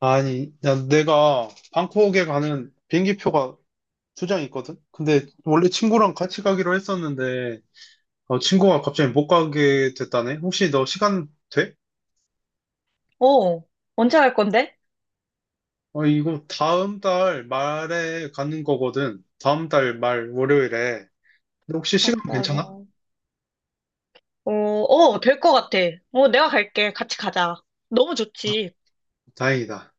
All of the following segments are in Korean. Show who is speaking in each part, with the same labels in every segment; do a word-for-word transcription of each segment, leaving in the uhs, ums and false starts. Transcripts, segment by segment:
Speaker 1: 아니, 야, 내가 방콕에 가는 비행기표가 두 장 있거든? 근데 원래 친구랑 같이 가기로 했었는데, 어, 친구가 갑자기 못 가게 됐다네? 혹시 너 시간 돼?
Speaker 2: 어, 언제 갈 건데?
Speaker 1: 어, 이거 다음 달 말에 가는 거거든. 다음 달 말 월요일에. 근데 혹시 시간
Speaker 2: 다음 달 말.
Speaker 1: 괜찮아?
Speaker 2: 어, 어, 될 것 같아. 어, 내가 갈게. 같이 가자. 너무
Speaker 1: 아,
Speaker 2: 좋지.
Speaker 1: 다행이다.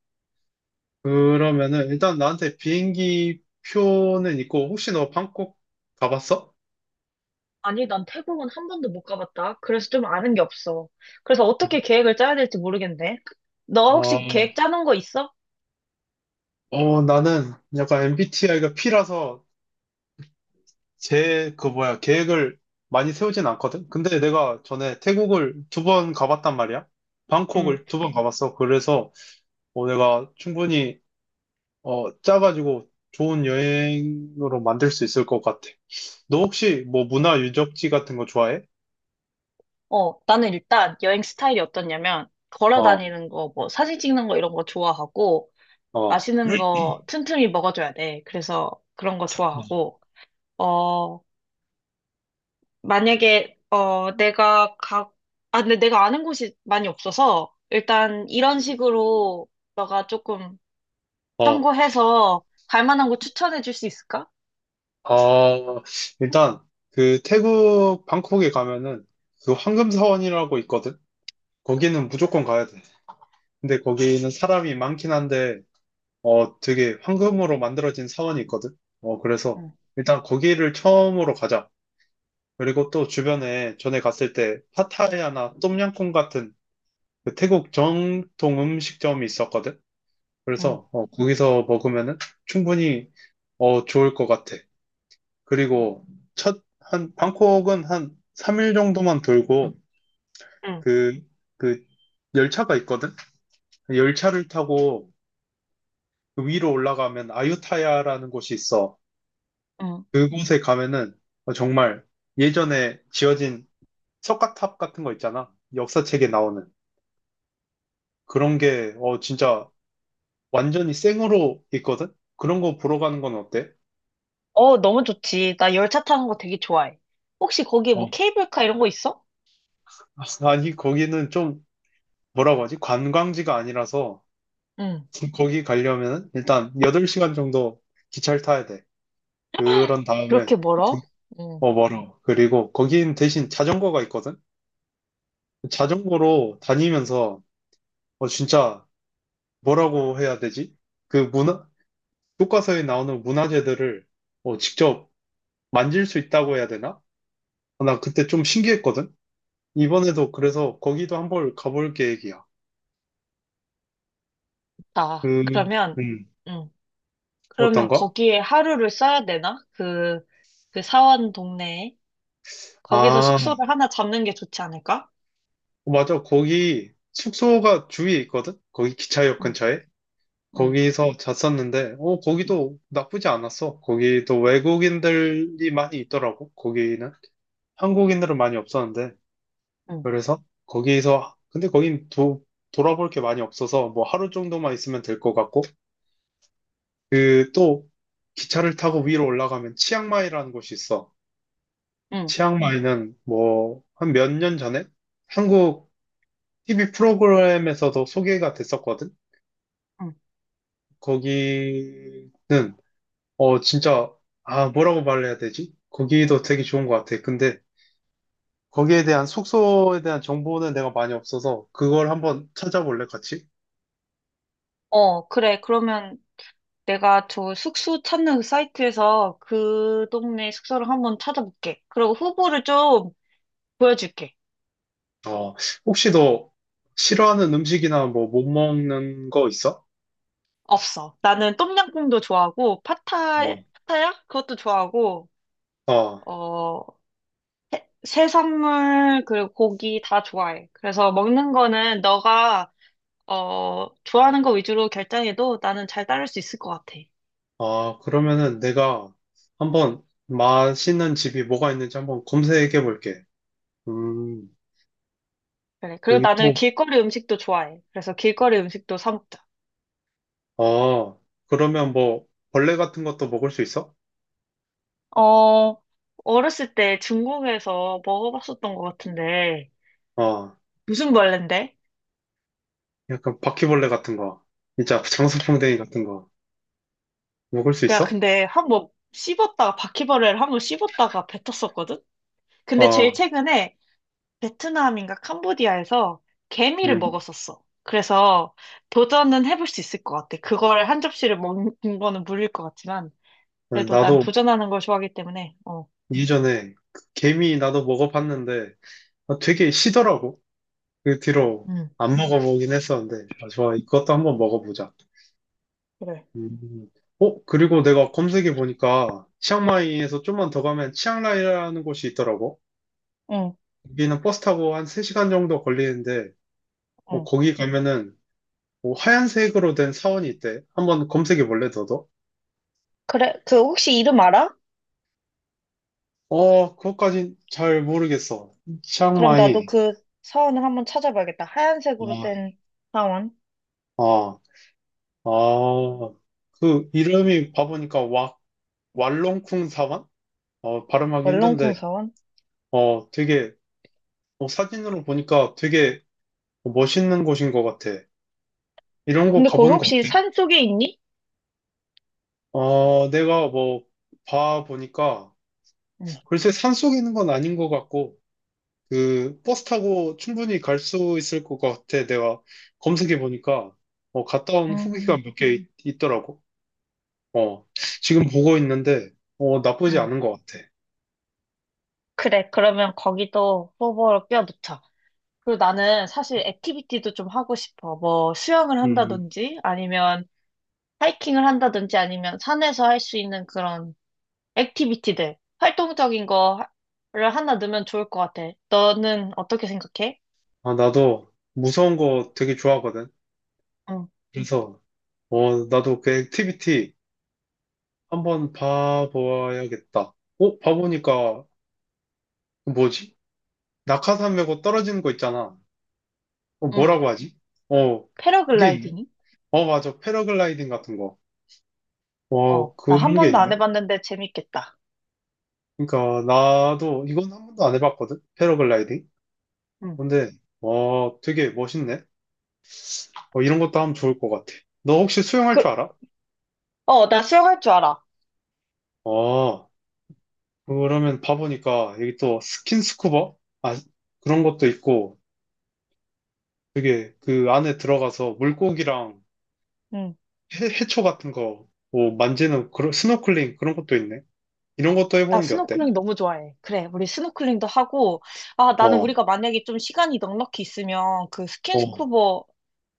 Speaker 1: 그러면은 일단 나한테 비행기 표는 있고, 혹시 너 방콕 가봤어?
Speaker 2: 아니, 난 태국은 한 번도 못 가봤다. 그래서 좀 아는 게 없어. 그래서 어떻게 계획을 짜야 될지 모르겠네. 너
Speaker 1: 어,
Speaker 2: 혹시 계획 짜는 거 있어?
Speaker 1: 어, 나는 약간 엠비티아이가 P라서 제, 그 뭐야, 계획을 많이 세우진 않거든? 근데 내가 전에 태국을 두 번 가봤단 말이야.
Speaker 2: 응.
Speaker 1: 방콕을 두 번 가봤어. 그래서 어, 내가 충분히 어, 짜가지고 좋은 여행으로 만들 수 있을 것 같아. 너 혹시 뭐 문화 유적지 같은 거 좋아해?
Speaker 2: 어, 나는 일단 여행 스타일이 어떻냐면, 걸어
Speaker 1: 어,
Speaker 2: 다니는 거, 뭐, 사진 찍는 거 이런 거 좋아하고,
Speaker 1: 어.
Speaker 2: 맛있는 거 틈틈이 먹어줘야 돼. 그래서 그런 거 좋아하고, 어, 만약에 어 내가 가 아 근데 내가 아는 곳이 많이 없어서 일단 이런 식으로 너가 조금
Speaker 1: 어,
Speaker 2: 참고해서 갈 만한 곳 추천해 줄 수 있을까?
Speaker 1: 아, 일단, 그, 태국, 방콕에 가면은, 그 황금사원이라고 있거든? 거기는 무조건 가야 돼. 근데 거기는 사람이 많긴 한데, 어, 되게 황금으로 만들어진 사원이 있거든. 어, 그래서
Speaker 2: 응,
Speaker 1: 일단 거기를 처음으로 가자. 그리고 또 주변에 전에 갔을 때 파타야나 똠양꿍 같은 그 태국 정통 음식점이 있었거든.
Speaker 2: 응,
Speaker 1: 그래서 어, 거기서 먹으면은 충분히 어, 좋을 것 같아. 그리고 첫, 한, 방콕은 한 삼 일 정도만 돌고
Speaker 2: 응,
Speaker 1: 그, 그 열차가 있거든. 열차를 타고 그 위로 올라가면 아유타야라는 곳이 있어.
Speaker 2: 응.
Speaker 1: 그곳에 가면은 어, 정말 예전에 지어진 석가탑 같은 거 있잖아. 역사책에 나오는 그런 게 어, 진짜 완전히 생으로 있거든. 그런 거 보러 가는 건 어때?
Speaker 2: 어, 너무 좋지. 나 열차 타는 거 되게 좋아해. 혹시 거기에
Speaker 1: 어,
Speaker 2: 뭐 케이블카 이런 거 있어?
Speaker 1: 아니 거기는 좀 뭐라고 하지? 관광지가 아니라서
Speaker 2: 응.
Speaker 1: 거기 가려면 일단 여덟 시간 정도 기차를 타야 돼. 그런 다음에
Speaker 2: 그렇게 멀어?
Speaker 1: 그-
Speaker 2: 응.
Speaker 1: 어 멀어. 그리고 거긴 대신 자전거가 있거든. 자전거로 다니면서 어 진짜 뭐라고 해야 되지? 그 문화 교과서에 나오는 문화재들을 뭐 직접 만질 수 있다고 해야 되나? 어, 나 그때 좀 신기했거든? 이번에도 그래서 거기도 한번 가볼 계획이야.
Speaker 2: 아,
Speaker 1: 음,
Speaker 2: 그러면
Speaker 1: 음,
Speaker 2: 응. 그러면
Speaker 1: 어떤가?
Speaker 2: 거기에 하루를 써야 되나? 그 그 사원 동네에 거기서
Speaker 1: 아,
Speaker 2: 숙소를 하나 잡는 게 좋지 않을까?
Speaker 1: 맞아. 거기 숙소가 주위에 있거든? 거기 기차역 근처에?
Speaker 2: 응,
Speaker 1: 거기서 잤었는데, 어, 거기도 나쁘지 않았어. 거기도 외국인들이 많이 있더라고, 거기는. 한국인들은 많이 없었는데.
Speaker 2: 응,
Speaker 1: 그래서 거기에서 근데 거긴 도, 돌아볼 게 많이 없어서 뭐 하루 정도만 있으면 될 것 같고 그 또 기차를 타고 위로 올라가면 치앙마이라는 곳이 있어.
Speaker 2: 응,
Speaker 1: 치앙마이는 뭐 한 몇 년 전에 한국 티비 프로그램에서도 소개가 됐었거든.
Speaker 2: 응.
Speaker 1: 거기는 어 진짜 아 뭐라고 말해야 되지? 거기도 되게 좋은 것 같아. 근데 거기에 대한 숙소에 대한 정보는 내가 많이 없어서 그걸 한번 찾아볼래 같이?
Speaker 2: 어, 그래. 그러면 내가 저 숙소 찾는 그 사이트에서 그 동네 숙소를 한번 찾아볼게. 그리고 후보를 좀 보여줄게.
Speaker 1: 어, 혹시 너 싫어하는 음식이나 뭐 못 먹는 거 있어?
Speaker 2: 없어. 나는 똠양꿍도 좋아하고, 파타,
Speaker 1: 뭐,
Speaker 2: 파타야? 그것도 좋아하고,
Speaker 1: 어,
Speaker 2: 어, 해- 해산물, 그리고 고기 다 좋아해. 그래서 먹는 거는 너가, 어, 좋아하는 거 위주로 결정해도 나는 잘 따를 수 있을 것 같아.
Speaker 1: 아, 그러면은 내가 한번 맛있는 집이 뭐가 있는지 한번 검색해 볼게. 음,
Speaker 2: 그래. 그리고
Speaker 1: 여기
Speaker 2: 나는
Speaker 1: 또,
Speaker 2: 길거리 음식도 좋아해. 그래서 길거리 음식도 사 먹자.
Speaker 1: 어, 그러면 뭐 벌레 같은 것도 먹을 수 있어?
Speaker 2: 어, 어렸을 때 중국에서 먹어봤었던 것 같은데,
Speaker 1: 어,
Speaker 2: 무슨 벌레인데?
Speaker 1: 약간 바퀴벌레 같은 거, 진짜 장수풍뎅이 같은 거 먹을 수
Speaker 2: 내가
Speaker 1: 있어?
Speaker 2: 근데 한 번 씹었다가, 바퀴벌레를 한 번 씹었다가 뱉었었거든? 근데 제일
Speaker 1: 어,
Speaker 2: 최근에 베트남인가 캄보디아에서 개미를
Speaker 1: 음,
Speaker 2: 먹었었어. 그래서 도전은 해볼 수 있을 것 같아. 그걸 한 접시를 먹는 거는 물릴 것 같지만, 그래도 난
Speaker 1: 나도
Speaker 2: 도전하는 걸 좋아하기 때문에, 어,
Speaker 1: 이전에 그 개미 나도 먹어봤는데 아, 되게 시더라고. 그 뒤로
Speaker 2: 음,
Speaker 1: 안 먹어보긴 했었는데, 아, 좋아, 이것도 한번 먹어보자.
Speaker 2: 그래.
Speaker 1: 음. 어, 그리고 내가 검색해 보니까, 치앙마이에서 좀만 더 가면 치앙라이라는 곳이 있더라고.
Speaker 2: 응,
Speaker 1: 여기는 버스 타고 한 세 시간 정도 걸리는데, 어,
Speaker 2: 응.
Speaker 1: 거기 가면은, 뭐 하얀색으로 된 사원이 있대. 한번 검색해 볼래, 너도?
Speaker 2: 그래, 그 혹시 이름 알아?
Speaker 1: 어, 그것까진 잘 모르겠어.
Speaker 2: 그럼 나도
Speaker 1: 치앙마이.
Speaker 2: 그 사원을 한번 찾아봐야겠다. 하얀색으로
Speaker 1: 아,
Speaker 2: 된 사원,
Speaker 1: 아, 아. 그 이름이 봐보니까 와, 왈롱쿵 사원? 어, 발음하기 힘든데,
Speaker 2: 얼렁쿵 사원.
Speaker 1: 어, 되게, 어, 사진으로 보니까 되게 멋있는 곳인 것 같아. 이런 곳
Speaker 2: 근데 거기
Speaker 1: 가보는 거
Speaker 2: 혹시
Speaker 1: 어때?
Speaker 2: 산 속에 있니?
Speaker 1: 어, 내가 뭐, 봐 보니까,
Speaker 2: 응.
Speaker 1: 글쎄 산속에 있는 건 아닌 것 같고, 그, 버스 타고 충분히 갈 수 있을 것 같아. 내가 검색해 보니까, 어, 갔다 온 후기가
Speaker 2: 음,
Speaker 1: 몇 개 있더라고. 어, 지금 보고 있는데, 어, 나쁘지
Speaker 2: 음.
Speaker 1: 않은 것 같아.
Speaker 2: 그래, 그러면 거기도 뽑아로 껴놓자. 그리고 나는 사실 액티비티도 좀 하고 싶어. 뭐 수영을
Speaker 1: 음,
Speaker 2: 한다든지 아니면 하이킹을 한다든지 아니면 산에서 할 수 있는 그런 액티비티들, 활동적인 거를 하나 넣으면 좋을 것 같아. 너는 어떻게 생각해?
Speaker 1: 아, 나도 무서운 거 되게 좋아하거든.
Speaker 2: 응.
Speaker 1: 그래서, 어, 나도 그 액티비티, 한번 봐보아야겠다. 어? 봐보니까 뭐지? 낙하산 메고 떨어지는 거 있잖아. 어,
Speaker 2: 응.
Speaker 1: 뭐라고 하지? 어, 그게 있네.
Speaker 2: 패러글라이딩이?
Speaker 1: 어, 맞아. 패러글라이딩 같은 거. 어,
Speaker 2: 어, 나 한
Speaker 1: 그런 게
Speaker 2: 번도 안
Speaker 1: 있네.
Speaker 2: 해봤는데 재밌겠다.
Speaker 1: 그러니까 나도 이건 한 번도 안 해봤거든. 패러글라이딩.
Speaker 2: 응.
Speaker 1: 근데 어, 되게 멋있네. 어, 이런 것도 하면 좋을 것 같아. 너 혹시 수영할 줄
Speaker 2: 그,
Speaker 1: 알아?
Speaker 2: 어, 나 수영할 줄 알아.
Speaker 1: 어, 그러면 봐보니까 여기 또 스킨스쿠버? 아, 그런 것도 있고 되게 그 안에 들어가서 물고기랑
Speaker 2: 응.
Speaker 1: 해, 해초 같은 거, 뭐 만지는 그런 스노클링 그런 것도 있네. 이런 것도
Speaker 2: 나
Speaker 1: 해보는 게 어때?
Speaker 2: 스노클링 너무 좋아해. 그래, 우리 스노클링도 하고, 아, 나는
Speaker 1: 어,
Speaker 2: 우리가 만약에 좀 시간이 넉넉히 있으면 그
Speaker 1: 어,
Speaker 2: 스킨스쿠버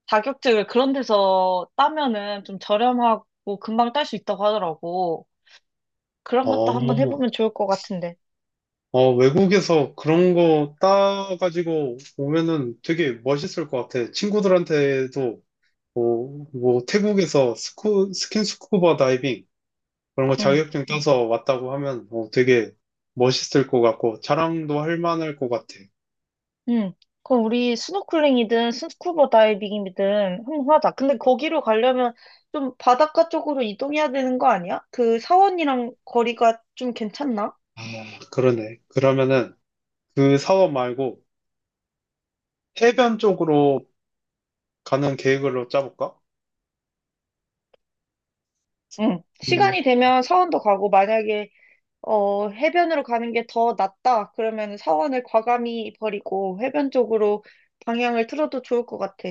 Speaker 2: 자격증을 그런 데서 따면은 좀 저렴하고 금방 딸 수 있다고 하더라고. 그런 것도
Speaker 1: 어,
Speaker 2: 한번 해보면 좋을 것 같은데.
Speaker 1: 어, 외국에서 그런 거 따가지고 오면은 되게 멋있을 것 같아. 친구들한테도 뭐, 뭐 태국에서 스쿠, 스킨스쿠버 다이빙 그런 거
Speaker 2: 응.
Speaker 1: 자격증 따서 왔다고 하면 어, 되게 멋있을 것 같고 자랑도 할 만할 것 같아.
Speaker 2: 응. 그럼 우리 스노클링이든 스쿠버 다이빙이든 한번 하자. 근데 거기로 가려면 좀 바닷가 쪽으로 이동해야 되는 거 아니야? 그 사원이랑 거리가 좀 괜찮나?
Speaker 1: 아, 그러네. 그러면은 그 사업 말고 해변 쪽으로 가는 계획으로 짜볼까?
Speaker 2: 응.
Speaker 1: 음,
Speaker 2: 시간이 되면 사원도 가고 만약에 어 해변으로 가는 게 더 낫다. 그러면 사원을 과감히 버리고 해변 쪽으로 방향을 틀어도 좋을 것 같아.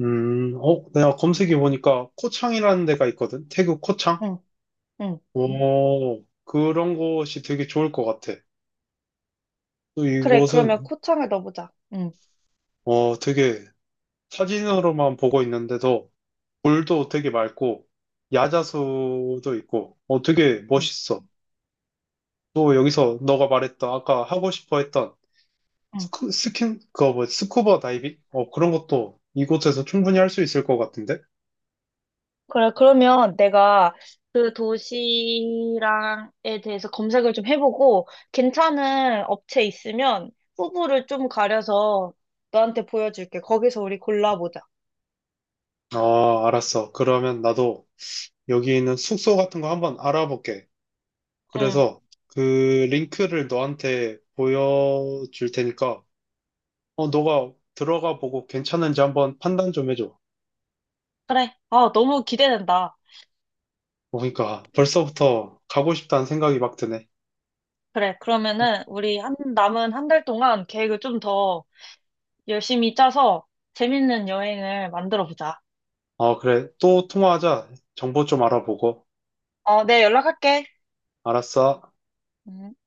Speaker 1: 음, 어, 내가 검색해 보니까 코창이라는 데가 있거든. 태국 코창?
Speaker 2: 응. 응.
Speaker 1: 오, 그런 곳이 되게 좋을 것 같아. 또
Speaker 2: 그래. 그러면
Speaker 1: 이곳은,
Speaker 2: 코창을 넣어보자. 응.
Speaker 1: 어, 되게 사진으로만 보고 있는데도 물도 되게 맑고, 야자수도 있고, 어, 되게
Speaker 2: 응.
Speaker 1: 멋있어. 또 여기서 너가 말했던, 아까 하고 싶어 했던
Speaker 2: 응.
Speaker 1: 스쿠, 스킨, 그거 뭐, 스쿠버 다이빙? 어, 그런 것도 이곳에서 충분히 할 수 있을 것 같은데?
Speaker 2: 그래, 그러면 내가 그 도시랑에 대해서 검색을 좀 해보고, 괜찮은 업체 있으면 후보를 좀 가려서 너한테 보여줄게. 거기서 우리 골라보자.
Speaker 1: 아, 알았어. 그러면 나도 여기 있는 숙소 같은 거 한번 알아볼게.
Speaker 2: 응,
Speaker 1: 그래서 그 링크를 너한테 보여줄 테니까, 어, 너가 들어가 보고 괜찮은지 한번 판단 좀 해줘.
Speaker 2: 그래. 아, 너무 기대된다.
Speaker 1: 보니까 벌써부터 가고 싶다는 생각이 막 드네.
Speaker 2: 그래, 그러면은 우리 한, 남은 한 달 동안 계획을 좀 더 열심히 짜서 재밌는 여행을 만들어 보자.
Speaker 1: 어, 그래. 또 통화하자. 정보 좀 알아보고.
Speaker 2: 어, 네, 연락할게.
Speaker 1: 알았어.
Speaker 2: 음.